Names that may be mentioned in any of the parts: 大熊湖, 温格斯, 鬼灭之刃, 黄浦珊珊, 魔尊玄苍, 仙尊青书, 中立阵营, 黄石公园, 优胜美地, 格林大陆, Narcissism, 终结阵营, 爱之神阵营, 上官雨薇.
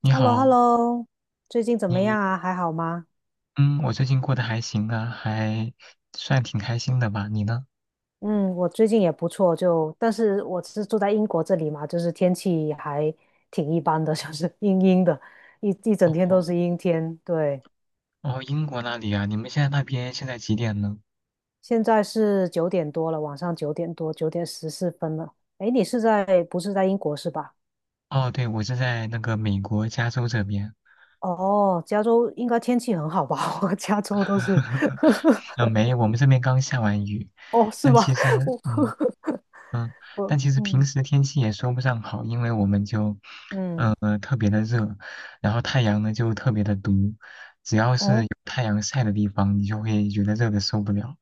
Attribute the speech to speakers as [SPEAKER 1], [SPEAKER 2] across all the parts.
[SPEAKER 1] 你
[SPEAKER 2] h e l l o h e l l
[SPEAKER 1] 好，
[SPEAKER 2] o 最近怎么
[SPEAKER 1] 你
[SPEAKER 2] 样啊？还好吗？
[SPEAKER 1] 嗯，我最近过得还行啊，还算挺开心的吧？你呢？
[SPEAKER 2] 嗯，我最近也不错，就但是我是住在英国这里嘛，就是天气还挺一般的，就是阴阴的，一整天都
[SPEAKER 1] 哦
[SPEAKER 2] 是阴天。对，
[SPEAKER 1] 哦，英国那里啊，你们现在那边现在几点呢？
[SPEAKER 2] 现在是九点多了，晚上九点多，9:14了。哎，你是在不是在英国是吧？
[SPEAKER 1] 哦，对，我是在那个美国加州这边。
[SPEAKER 2] 哦，加州应该天气很好吧？我加州都是，
[SPEAKER 1] 没，我们这边刚下完雨，
[SPEAKER 2] 哦，是
[SPEAKER 1] 但
[SPEAKER 2] 吧？
[SPEAKER 1] 其实嗯，但
[SPEAKER 2] 我 我
[SPEAKER 1] 其实平
[SPEAKER 2] 嗯
[SPEAKER 1] 时天气也说不上好，因为我们就
[SPEAKER 2] 嗯。
[SPEAKER 1] 呃特别的热，然后太阳呢就特别的毒，只要是
[SPEAKER 2] 哦
[SPEAKER 1] 有太阳晒的地方，你就会觉得热的受不了。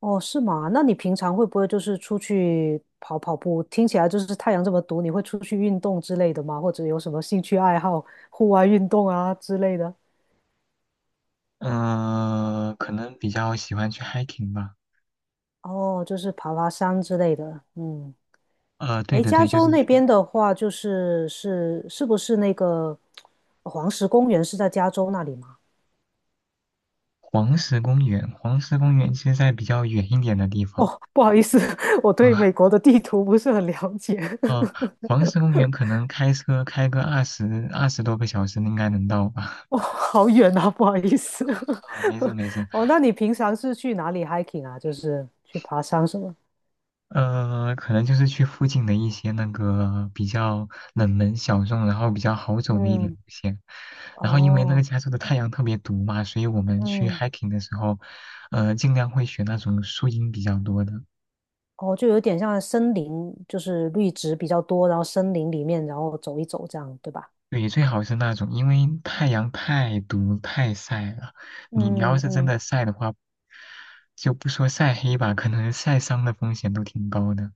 [SPEAKER 2] 哦，是吗？那你平常会不会就是出去跑跑步？听起来就是太阳这么毒，你会出去运动之类的吗？或者有什么兴趣爱好，户外运动啊之类的？
[SPEAKER 1] 呃，可能比较喜欢去 hiking 吧。
[SPEAKER 2] 哦，就是爬爬山之类的。嗯，
[SPEAKER 1] 呃，对
[SPEAKER 2] 诶，
[SPEAKER 1] 对
[SPEAKER 2] 加
[SPEAKER 1] 对，就
[SPEAKER 2] 州
[SPEAKER 1] 是
[SPEAKER 2] 那
[SPEAKER 1] 去
[SPEAKER 2] 边的话，就是是不是那个黄石公园是在加州那里吗？
[SPEAKER 1] 黄石公园。黄石公园其实在比较远一点的地
[SPEAKER 2] 哦，
[SPEAKER 1] 方
[SPEAKER 2] 不好意思，我对
[SPEAKER 1] 啊。
[SPEAKER 2] 美国的地图不是很了解。
[SPEAKER 1] 呃，黄石公园可能开车开个二十多个小时应该能到吧。
[SPEAKER 2] 哦，好远啊，不好意思。
[SPEAKER 1] 啊，没事没事。
[SPEAKER 2] 哦，那你平常是去哪里 hiking 啊？就是去爬山什么？
[SPEAKER 1] 呃，可能就是去附近的一些那个比较冷门小众，然后比较好走的一点路
[SPEAKER 2] 嗯，
[SPEAKER 1] 线。然后因为那个
[SPEAKER 2] 哦，
[SPEAKER 1] 加州的太阳特别毒嘛，所以我们去
[SPEAKER 2] 嗯，
[SPEAKER 1] hiking 的时候，尽量会选那种树荫比较多的。
[SPEAKER 2] 哦，就有点像森林，就是绿植比较多，然后森林里面，然后走一走这样，对吧？
[SPEAKER 1] 对，最好是那种，因为太阳太毒太晒了。你要
[SPEAKER 2] 嗯
[SPEAKER 1] 是真
[SPEAKER 2] 嗯，
[SPEAKER 1] 的晒的话，就不说晒黑吧，可能晒伤的风险都挺高的。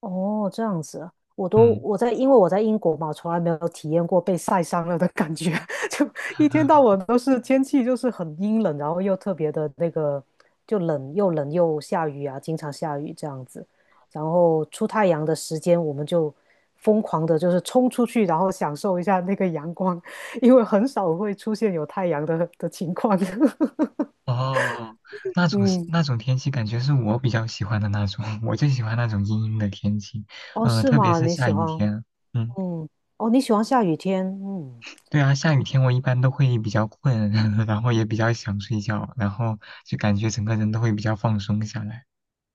[SPEAKER 2] 哦，这样子啊，
[SPEAKER 1] 嗯，
[SPEAKER 2] 我在，因为我在英国嘛，从来没有体验过被晒伤了的感觉，就一天到 晚都是天气就是很阴冷，然后又特别的那个，就冷又冷又下雨啊，经常下雨这样子，然后出太阳的时间我们就疯狂的就是冲出去，然后享受一下那个阳光，因为很少会出现有太阳的情况。
[SPEAKER 1] 哦，那种是
[SPEAKER 2] 嗯，
[SPEAKER 1] 那种天气，感觉是我比较喜欢的那种，我就喜欢那种阴阴的天气，
[SPEAKER 2] 哦，是
[SPEAKER 1] 特别
[SPEAKER 2] 吗？
[SPEAKER 1] 是
[SPEAKER 2] 你
[SPEAKER 1] 下
[SPEAKER 2] 喜
[SPEAKER 1] 雨
[SPEAKER 2] 欢？
[SPEAKER 1] 天。嗯，
[SPEAKER 2] 嗯，哦，你喜欢下雨天？嗯。
[SPEAKER 1] 对啊，下雨天我一般都会比较困，然后也比较想睡觉，然后就感觉整个人都会比较放松下来。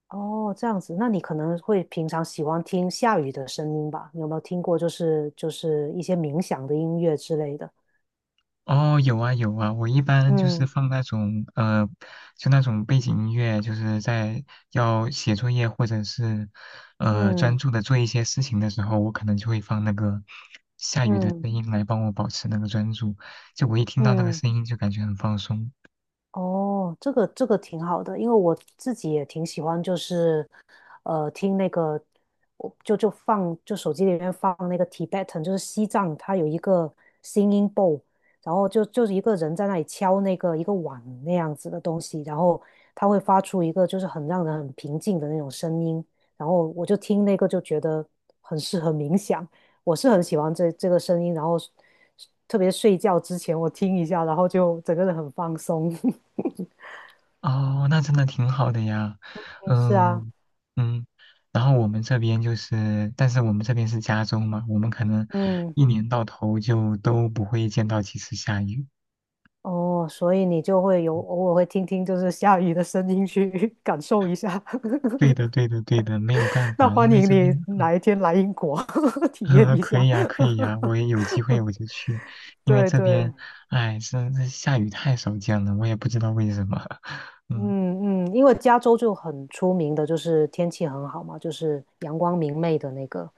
[SPEAKER 2] 哦，这样子，那你可能会平常喜欢听下雨的声音吧？你有没有听过，就是一些冥想的音乐之类的？
[SPEAKER 1] 哦，有啊有啊，我一般就是
[SPEAKER 2] 嗯
[SPEAKER 1] 放那种就那种背景音乐，就是在要写作业或者是专
[SPEAKER 2] 嗯
[SPEAKER 1] 注的做一些事情的时候，我可能就会放那个下
[SPEAKER 2] 嗯
[SPEAKER 1] 雨的
[SPEAKER 2] 嗯
[SPEAKER 1] 声音来帮我保持那个专注。就我一听到那个
[SPEAKER 2] 嗯
[SPEAKER 1] 声音就感觉很放松。
[SPEAKER 2] 哦，这个这个挺好的，因为我自己也挺喜欢，就是听那个，我就就放就手机里面放那个 Tibetan,就是西藏，它有一个 singing bowl，然后就是一个人在那里敲那个一个碗那样子的东西，然后它会发出一个就是很让人很平静的那种声音，然后我就听那个就觉得很适合冥想，我是很喜欢这个声音，然后特别睡觉之前我听一下，然后就整个人很放松。
[SPEAKER 1] 哦，那真的挺好的呀。
[SPEAKER 2] 是啊，
[SPEAKER 1] 嗯嗯，然后我们这边就是，但是我们这边是加州嘛，我们可能
[SPEAKER 2] 嗯，
[SPEAKER 1] 一年到头就都不会见到几次下雨。
[SPEAKER 2] 哦，所以你就会有偶尔会听听就是下雨的声音去 感受一下。
[SPEAKER 1] 对的，对的，对的，没有办
[SPEAKER 2] 那
[SPEAKER 1] 法，因
[SPEAKER 2] 欢
[SPEAKER 1] 为
[SPEAKER 2] 迎
[SPEAKER 1] 这
[SPEAKER 2] 你
[SPEAKER 1] 边，
[SPEAKER 2] 哪一天来英国 体验
[SPEAKER 1] 呃，
[SPEAKER 2] 一
[SPEAKER 1] 可以
[SPEAKER 2] 下。
[SPEAKER 1] 呀，可以呀，我也有机会我就去，因为
[SPEAKER 2] 对
[SPEAKER 1] 这边，
[SPEAKER 2] 对，
[SPEAKER 1] 哎，这下雨太少见了，我也不知道为什么，嗯，
[SPEAKER 2] 嗯嗯，因为加州就很出名的就是天气很好嘛，就是阳光明媚的那个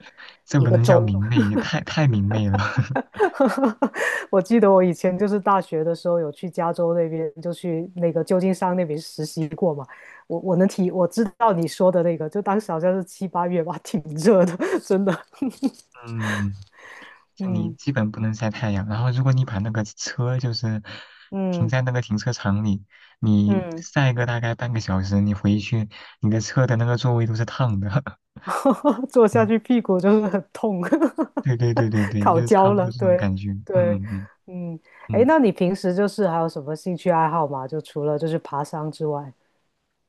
[SPEAKER 1] 这
[SPEAKER 2] 一
[SPEAKER 1] 不
[SPEAKER 2] 个
[SPEAKER 1] 能叫
[SPEAKER 2] 州
[SPEAKER 1] 明媚，太明媚了，
[SPEAKER 2] 我记得我以前就是大学的时候有去加州那边，就去那个旧金山那边实习过嘛。我我能体我知道你说的那个，就当时好像是7、8月吧，挺热的，真的。
[SPEAKER 1] 嗯，就你
[SPEAKER 2] 嗯
[SPEAKER 1] 基本不能晒太阳，然后如果你把那个车就是停
[SPEAKER 2] 嗯
[SPEAKER 1] 在那个停车场里，你
[SPEAKER 2] 嗯，
[SPEAKER 1] 晒个大概半个小时，你回去，你的车的那个座位都是烫的，
[SPEAKER 2] 坐下
[SPEAKER 1] 嗯，
[SPEAKER 2] 去屁股就是很痛，
[SPEAKER 1] 对对对对 对，
[SPEAKER 2] 烤
[SPEAKER 1] 就是差
[SPEAKER 2] 焦
[SPEAKER 1] 不
[SPEAKER 2] 了。
[SPEAKER 1] 多这种
[SPEAKER 2] 对
[SPEAKER 1] 感觉，嗯
[SPEAKER 2] 对，
[SPEAKER 1] 嗯嗯。
[SPEAKER 2] 嗯，哎，
[SPEAKER 1] 嗯
[SPEAKER 2] 那你平时就是还有什么兴趣爱好吗？就除了就是爬山之外，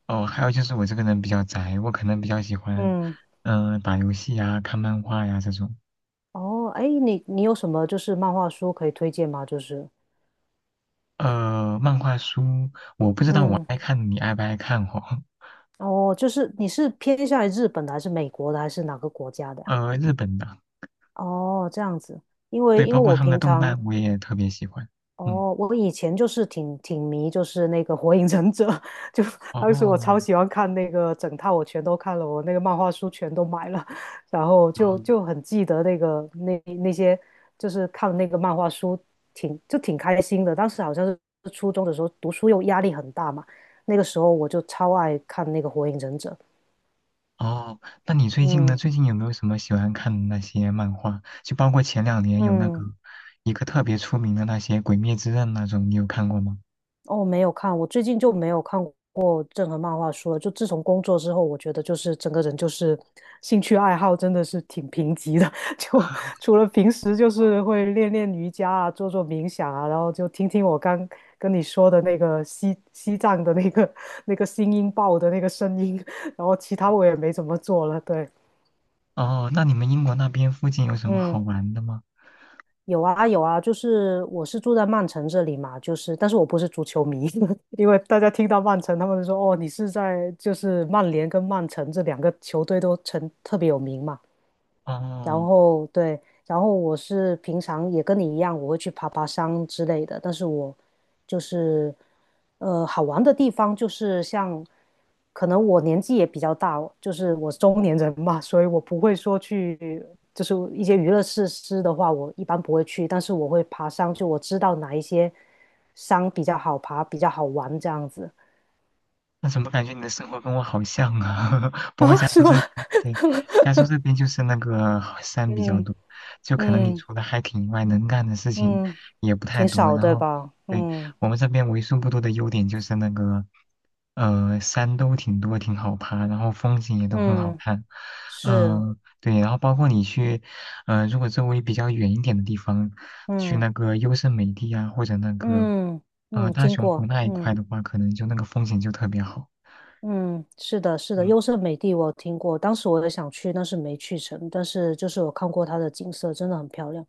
[SPEAKER 1] 哦，还有就是我这个人比较宅，我可能比较喜欢，
[SPEAKER 2] 嗯。
[SPEAKER 1] 嗯、打游戏呀、看漫画呀这种。
[SPEAKER 2] 哦，哎，你你有什么就是漫画书可以推荐吗？就是，
[SPEAKER 1] 呃，漫画书我不知道我
[SPEAKER 2] 嗯，
[SPEAKER 1] 爱看，你爱不爱看哦？
[SPEAKER 2] 哦，就是你是偏向于日本的，还是美国的，还是哪个国家的 呀
[SPEAKER 1] 呃，日本的，
[SPEAKER 2] 哦，这样子，因
[SPEAKER 1] 对，
[SPEAKER 2] 为因
[SPEAKER 1] 包
[SPEAKER 2] 为
[SPEAKER 1] 括
[SPEAKER 2] 我
[SPEAKER 1] 他们的
[SPEAKER 2] 平
[SPEAKER 1] 动
[SPEAKER 2] 常
[SPEAKER 1] 漫我也特别喜欢。嗯，
[SPEAKER 2] 哦，我以前就是挺迷，就是那个《火影忍者》，就当时我
[SPEAKER 1] 哦，
[SPEAKER 2] 超喜欢看那个整套，我全都看了，我那个漫画书全都买了，然后
[SPEAKER 1] 然后
[SPEAKER 2] 就就很记得那个那些，就是看那个漫画书挺就挺开心的。当时好像是初中的时候，读书又压力很大嘛，那个时候我就超爱看那个《火影忍者》。
[SPEAKER 1] 哦，那你最近呢？
[SPEAKER 2] 嗯
[SPEAKER 1] 最近有没有什么喜欢看的那些漫画？就包括前两年有那个
[SPEAKER 2] 嗯
[SPEAKER 1] 一个特别出名的那些《鬼灭之刃》那种，你有看过吗？
[SPEAKER 2] 哦，没有看，我最近就没有看过任何漫画书了。就自从工作之后，我觉得就是整个人就是兴趣爱好真的是挺贫瘠的。就除了平时就是会练练瑜伽啊，做做冥想啊，然后就听听我刚跟你说的那个西藏的那个 那个新音报的那个声音，然后其他我也没怎么做了。对，
[SPEAKER 1] 哦，那你们英国那边附近有什么好
[SPEAKER 2] 嗯。
[SPEAKER 1] 玩的吗？
[SPEAKER 2] 有啊有啊，就是我是住在曼城这里嘛，就是但是我不是足球迷，因为大家听到曼城，他们就说哦，你是在就是曼联跟曼城这两个球队都成特别有名嘛，然
[SPEAKER 1] 哦。
[SPEAKER 2] 后对，然后我是平常也跟你一样，我会去爬爬山之类的，但是我就是，呃，好玩的地方就是像，可能我年纪也比较大，就是我中年人嘛，所以我不会说去，就是一些娱乐设施的话，我一般不会去，但是我会爬山，就我知道哪一些山比较好爬，比较好玩这样子。
[SPEAKER 1] 那怎么感觉你的生活跟我好像啊？不过
[SPEAKER 2] 啊，
[SPEAKER 1] 加
[SPEAKER 2] 是
[SPEAKER 1] 州
[SPEAKER 2] 吗？
[SPEAKER 1] 这边，对，加州这边就是那个山比较
[SPEAKER 2] 嗯
[SPEAKER 1] 多，就可能你
[SPEAKER 2] 嗯
[SPEAKER 1] 除了 hiking 以外，能干的事情
[SPEAKER 2] 嗯，
[SPEAKER 1] 也不太
[SPEAKER 2] 挺
[SPEAKER 1] 多。
[SPEAKER 2] 少，
[SPEAKER 1] 然
[SPEAKER 2] 对
[SPEAKER 1] 后，
[SPEAKER 2] 吧？
[SPEAKER 1] 对，
[SPEAKER 2] 嗯。
[SPEAKER 1] 我们这边为数不多的优点就是那个，山都挺多，挺好爬，然后风景也都很好
[SPEAKER 2] 嗯
[SPEAKER 1] 看。
[SPEAKER 2] 是，
[SPEAKER 1] 嗯、对，然后包括你去，呃，如果周围比较远一点的地方，去
[SPEAKER 2] 嗯
[SPEAKER 1] 那个优胜美地啊，或者那个。
[SPEAKER 2] 嗯
[SPEAKER 1] 呃，
[SPEAKER 2] 嗯，
[SPEAKER 1] 大
[SPEAKER 2] 听
[SPEAKER 1] 熊湖
[SPEAKER 2] 过，
[SPEAKER 1] 那一
[SPEAKER 2] 嗯。
[SPEAKER 1] 块的话，可能就那个风景就特别好。
[SPEAKER 2] 嗯，是的，是的，
[SPEAKER 1] 嗯
[SPEAKER 2] 优胜美地我有听过，当时我也想去，但是没去成。但是就是我看过它的景色，真的很漂亮。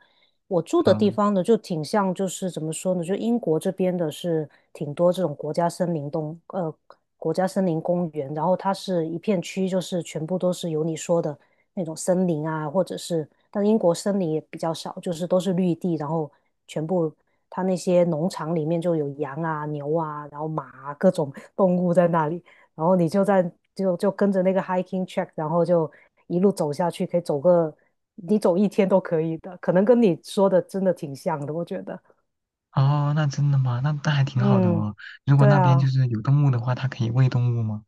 [SPEAKER 2] 我住的地
[SPEAKER 1] 嗯，
[SPEAKER 2] 方呢，就挺像，就是怎么说呢，就英国这边的是挺多这种国家森林公园，然后它是一片区，就是全部都是有你说的那种森林啊，或者是，但英国森林也比较少，就是都是绿地，然后全部它那些农场里面就有羊啊、牛啊，然后马啊，各种动物在那里。然后你就在就就跟着那个 hiking track，然后就一路走下去，可以走个你走一天都可以的，可能跟你说的真的挺像的，我觉得。
[SPEAKER 1] 哦，那真的吗？那那还挺好的
[SPEAKER 2] 嗯，
[SPEAKER 1] 哦。如果
[SPEAKER 2] 对
[SPEAKER 1] 那边就
[SPEAKER 2] 啊，
[SPEAKER 1] 是有动物的话，它可以喂动物吗？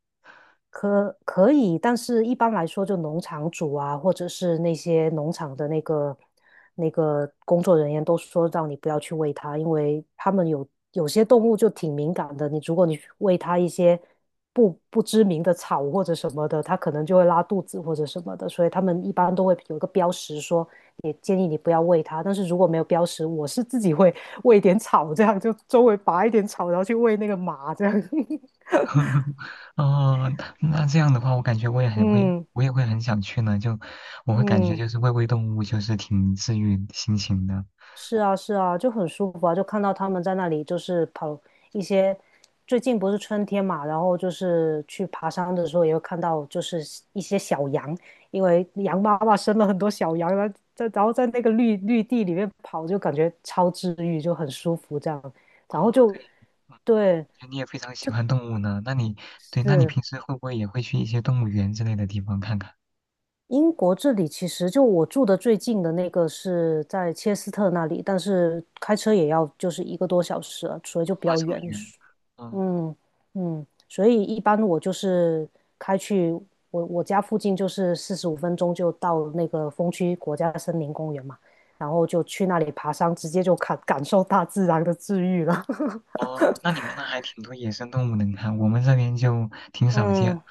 [SPEAKER 2] 可以，但是一般来说，就农场主啊，或者是那些农场的那个工作人员都说让你不要去喂它，因为他们有有些动物就挺敏感的，你如果你喂它一些不知名的草或者什么的，它可能就会拉肚子或者什么的，所以他们一般都会有一个标识说，也建议你不要喂它。但是如果没有标识，我是自己会 喂一点草，这样就周围拔一点草，然后去喂那个马，这样。
[SPEAKER 1] 哦，那这样的话，我感觉我也很会，
[SPEAKER 2] 嗯
[SPEAKER 1] 我也会很想去呢。就我会感觉
[SPEAKER 2] 嗯。
[SPEAKER 1] 就是喂喂动物，就是挺治愈心情的。
[SPEAKER 2] 是啊，是啊，就很舒服啊，就看到他们在那里就是跑一些，最近不是春天嘛，然后就是去爬山的时候也会看到就是一些小羊，因为羊妈妈生了很多小羊，然后在那个绿地里面跑，就感觉超治愈，就很舒服这样，然后
[SPEAKER 1] 哦，
[SPEAKER 2] 就
[SPEAKER 1] 对，嗯
[SPEAKER 2] 对，
[SPEAKER 1] 你也非常喜欢动物呢。那你对，那你
[SPEAKER 2] 是
[SPEAKER 1] 平时会不会也会去一些动物园之类的地方看看？
[SPEAKER 2] 英国这里其实就我住的最近的那个是在切斯特那里，但是开车也要就是一个多小时啊所以就比
[SPEAKER 1] 哇，
[SPEAKER 2] 较
[SPEAKER 1] 这么
[SPEAKER 2] 远，
[SPEAKER 1] 远，嗯，
[SPEAKER 2] 嗯嗯，所以一般我就是开去我家附近，就是45分钟就到那个风区国家森林公园嘛，然后就去那里爬山，直接就感受大自然的治愈了。
[SPEAKER 1] 哦，那你们那还挺多野生动物能看，我们这边就挺少见。
[SPEAKER 2] 嗯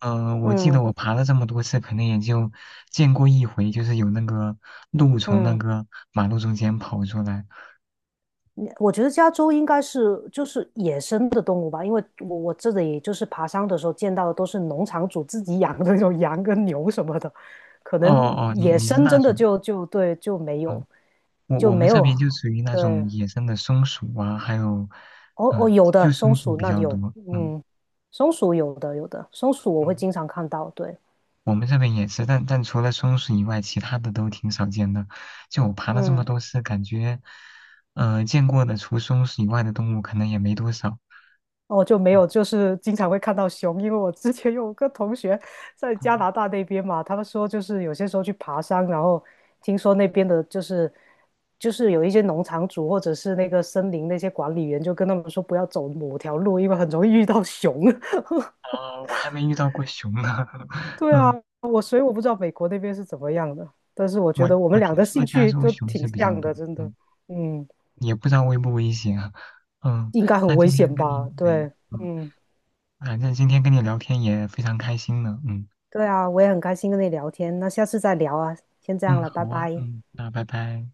[SPEAKER 1] 嗯，我记得
[SPEAKER 2] 嗯
[SPEAKER 1] 我爬了这么多次，可能也就见过一回，就是有那个鹿从那
[SPEAKER 2] 嗯，
[SPEAKER 1] 个马路中间跑出来。
[SPEAKER 2] 我觉得加州应该是就是野生的动物吧，因为我这里就是爬山的时候见到的都是农场主自己养的那种羊跟牛什么的，可
[SPEAKER 1] 哦
[SPEAKER 2] 能
[SPEAKER 1] 哦，你
[SPEAKER 2] 野
[SPEAKER 1] 你是
[SPEAKER 2] 生
[SPEAKER 1] 那
[SPEAKER 2] 真的
[SPEAKER 1] 种，
[SPEAKER 2] 就
[SPEAKER 1] 嗯，我我
[SPEAKER 2] 没
[SPEAKER 1] 们这
[SPEAKER 2] 有，
[SPEAKER 1] 边就属于那
[SPEAKER 2] 对
[SPEAKER 1] 种野生的松鼠啊，还有，
[SPEAKER 2] 哦哦，
[SPEAKER 1] 嗯、
[SPEAKER 2] 有的
[SPEAKER 1] 就
[SPEAKER 2] 松
[SPEAKER 1] 松鼠
[SPEAKER 2] 鼠
[SPEAKER 1] 比
[SPEAKER 2] 那
[SPEAKER 1] 较
[SPEAKER 2] 有，
[SPEAKER 1] 多，嗯
[SPEAKER 2] 嗯，松鼠有的有的，松鼠我会
[SPEAKER 1] 嗯，
[SPEAKER 2] 经常看到，对，
[SPEAKER 1] 我们这边也是，但但除了松鼠以外，其他的都挺少见的。就我爬了这么
[SPEAKER 2] 嗯，
[SPEAKER 1] 多次，感觉，见过的除松鼠以外的动物可能也没多少。
[SPEAKER 2] 哦就没
[SPEAKER 1] 嗯
[SPEAKER 2] 有，就是经常会看到熊，因为我之前有个同学在加
[SPEAKER 1] 嗯
[SPEAKER 2] 拿大那边嘛，他们说就是有些时候去爬山，然后听说那边的就是有一些农场主或者是那个森林那些管理员就跟他们说不要走某条路，因为很容易遇到熊。
[SPEAKER 1] 哦，我还没遇到过熊呢。
[SPEAKER 2] 对啊，
[SPEAKER 1] 嗯，
[SPEAKER 2] 我所以我不知道美国那边是怎么样的，但是我觉得
[SPEAKER 1] 我
[SPEAKER 2] 我们
[SPEAKER 1] 我
[SPEAKER 2] 俩
[SPEAKER 1] 听
[SPEAKER 2] 的兴
[SPEAKER 1] 说加
[SPEAKER 2] 趣
[SPEAKER 1] 州
[SPEAKER 2] 都
[SPEAKER 1] 熊是
[SPEAKER 2] 挺
[SPEAKER 1] 比较
[SPEAKER 2] 像
[SPEAKER 1] 多，
[SPEAKER 2] 的，真的。
[SPEAKER 1] 嗯，
[SPEAKER 2] 嗯，
[SPEAKER 1] 也不知道危不危险啊。嗯，
[SPEAKER 2] 应该很
[SPEAKER 1] 那
[SPEAKER 2] 危
[SPEAKER 1] 今天
[SPEAKER 2] 险
[SPEAKER 1] 跟你
[SPEAKER 2] 吧？
[SPEAKER 1] 对，
[SPEAKER 2] 对，
[SPEAKER 1] 嗯，
[SPEAKER 2] 嗯，
[SPEAKER 1] 反正今天跟你聊天也非常开心呢。嗯
[SPEAKER 2] 对啊，我也很开心跟你聊天，那下次再聊啊，先这样
[SPEAKER 1] 嗯，
[SPEAKER 2] 了，拜
[SPEAKER 1] 好啊，
[SPEAKER 2] 拜。
[SPEAKER 1] 嗯，那拜拜。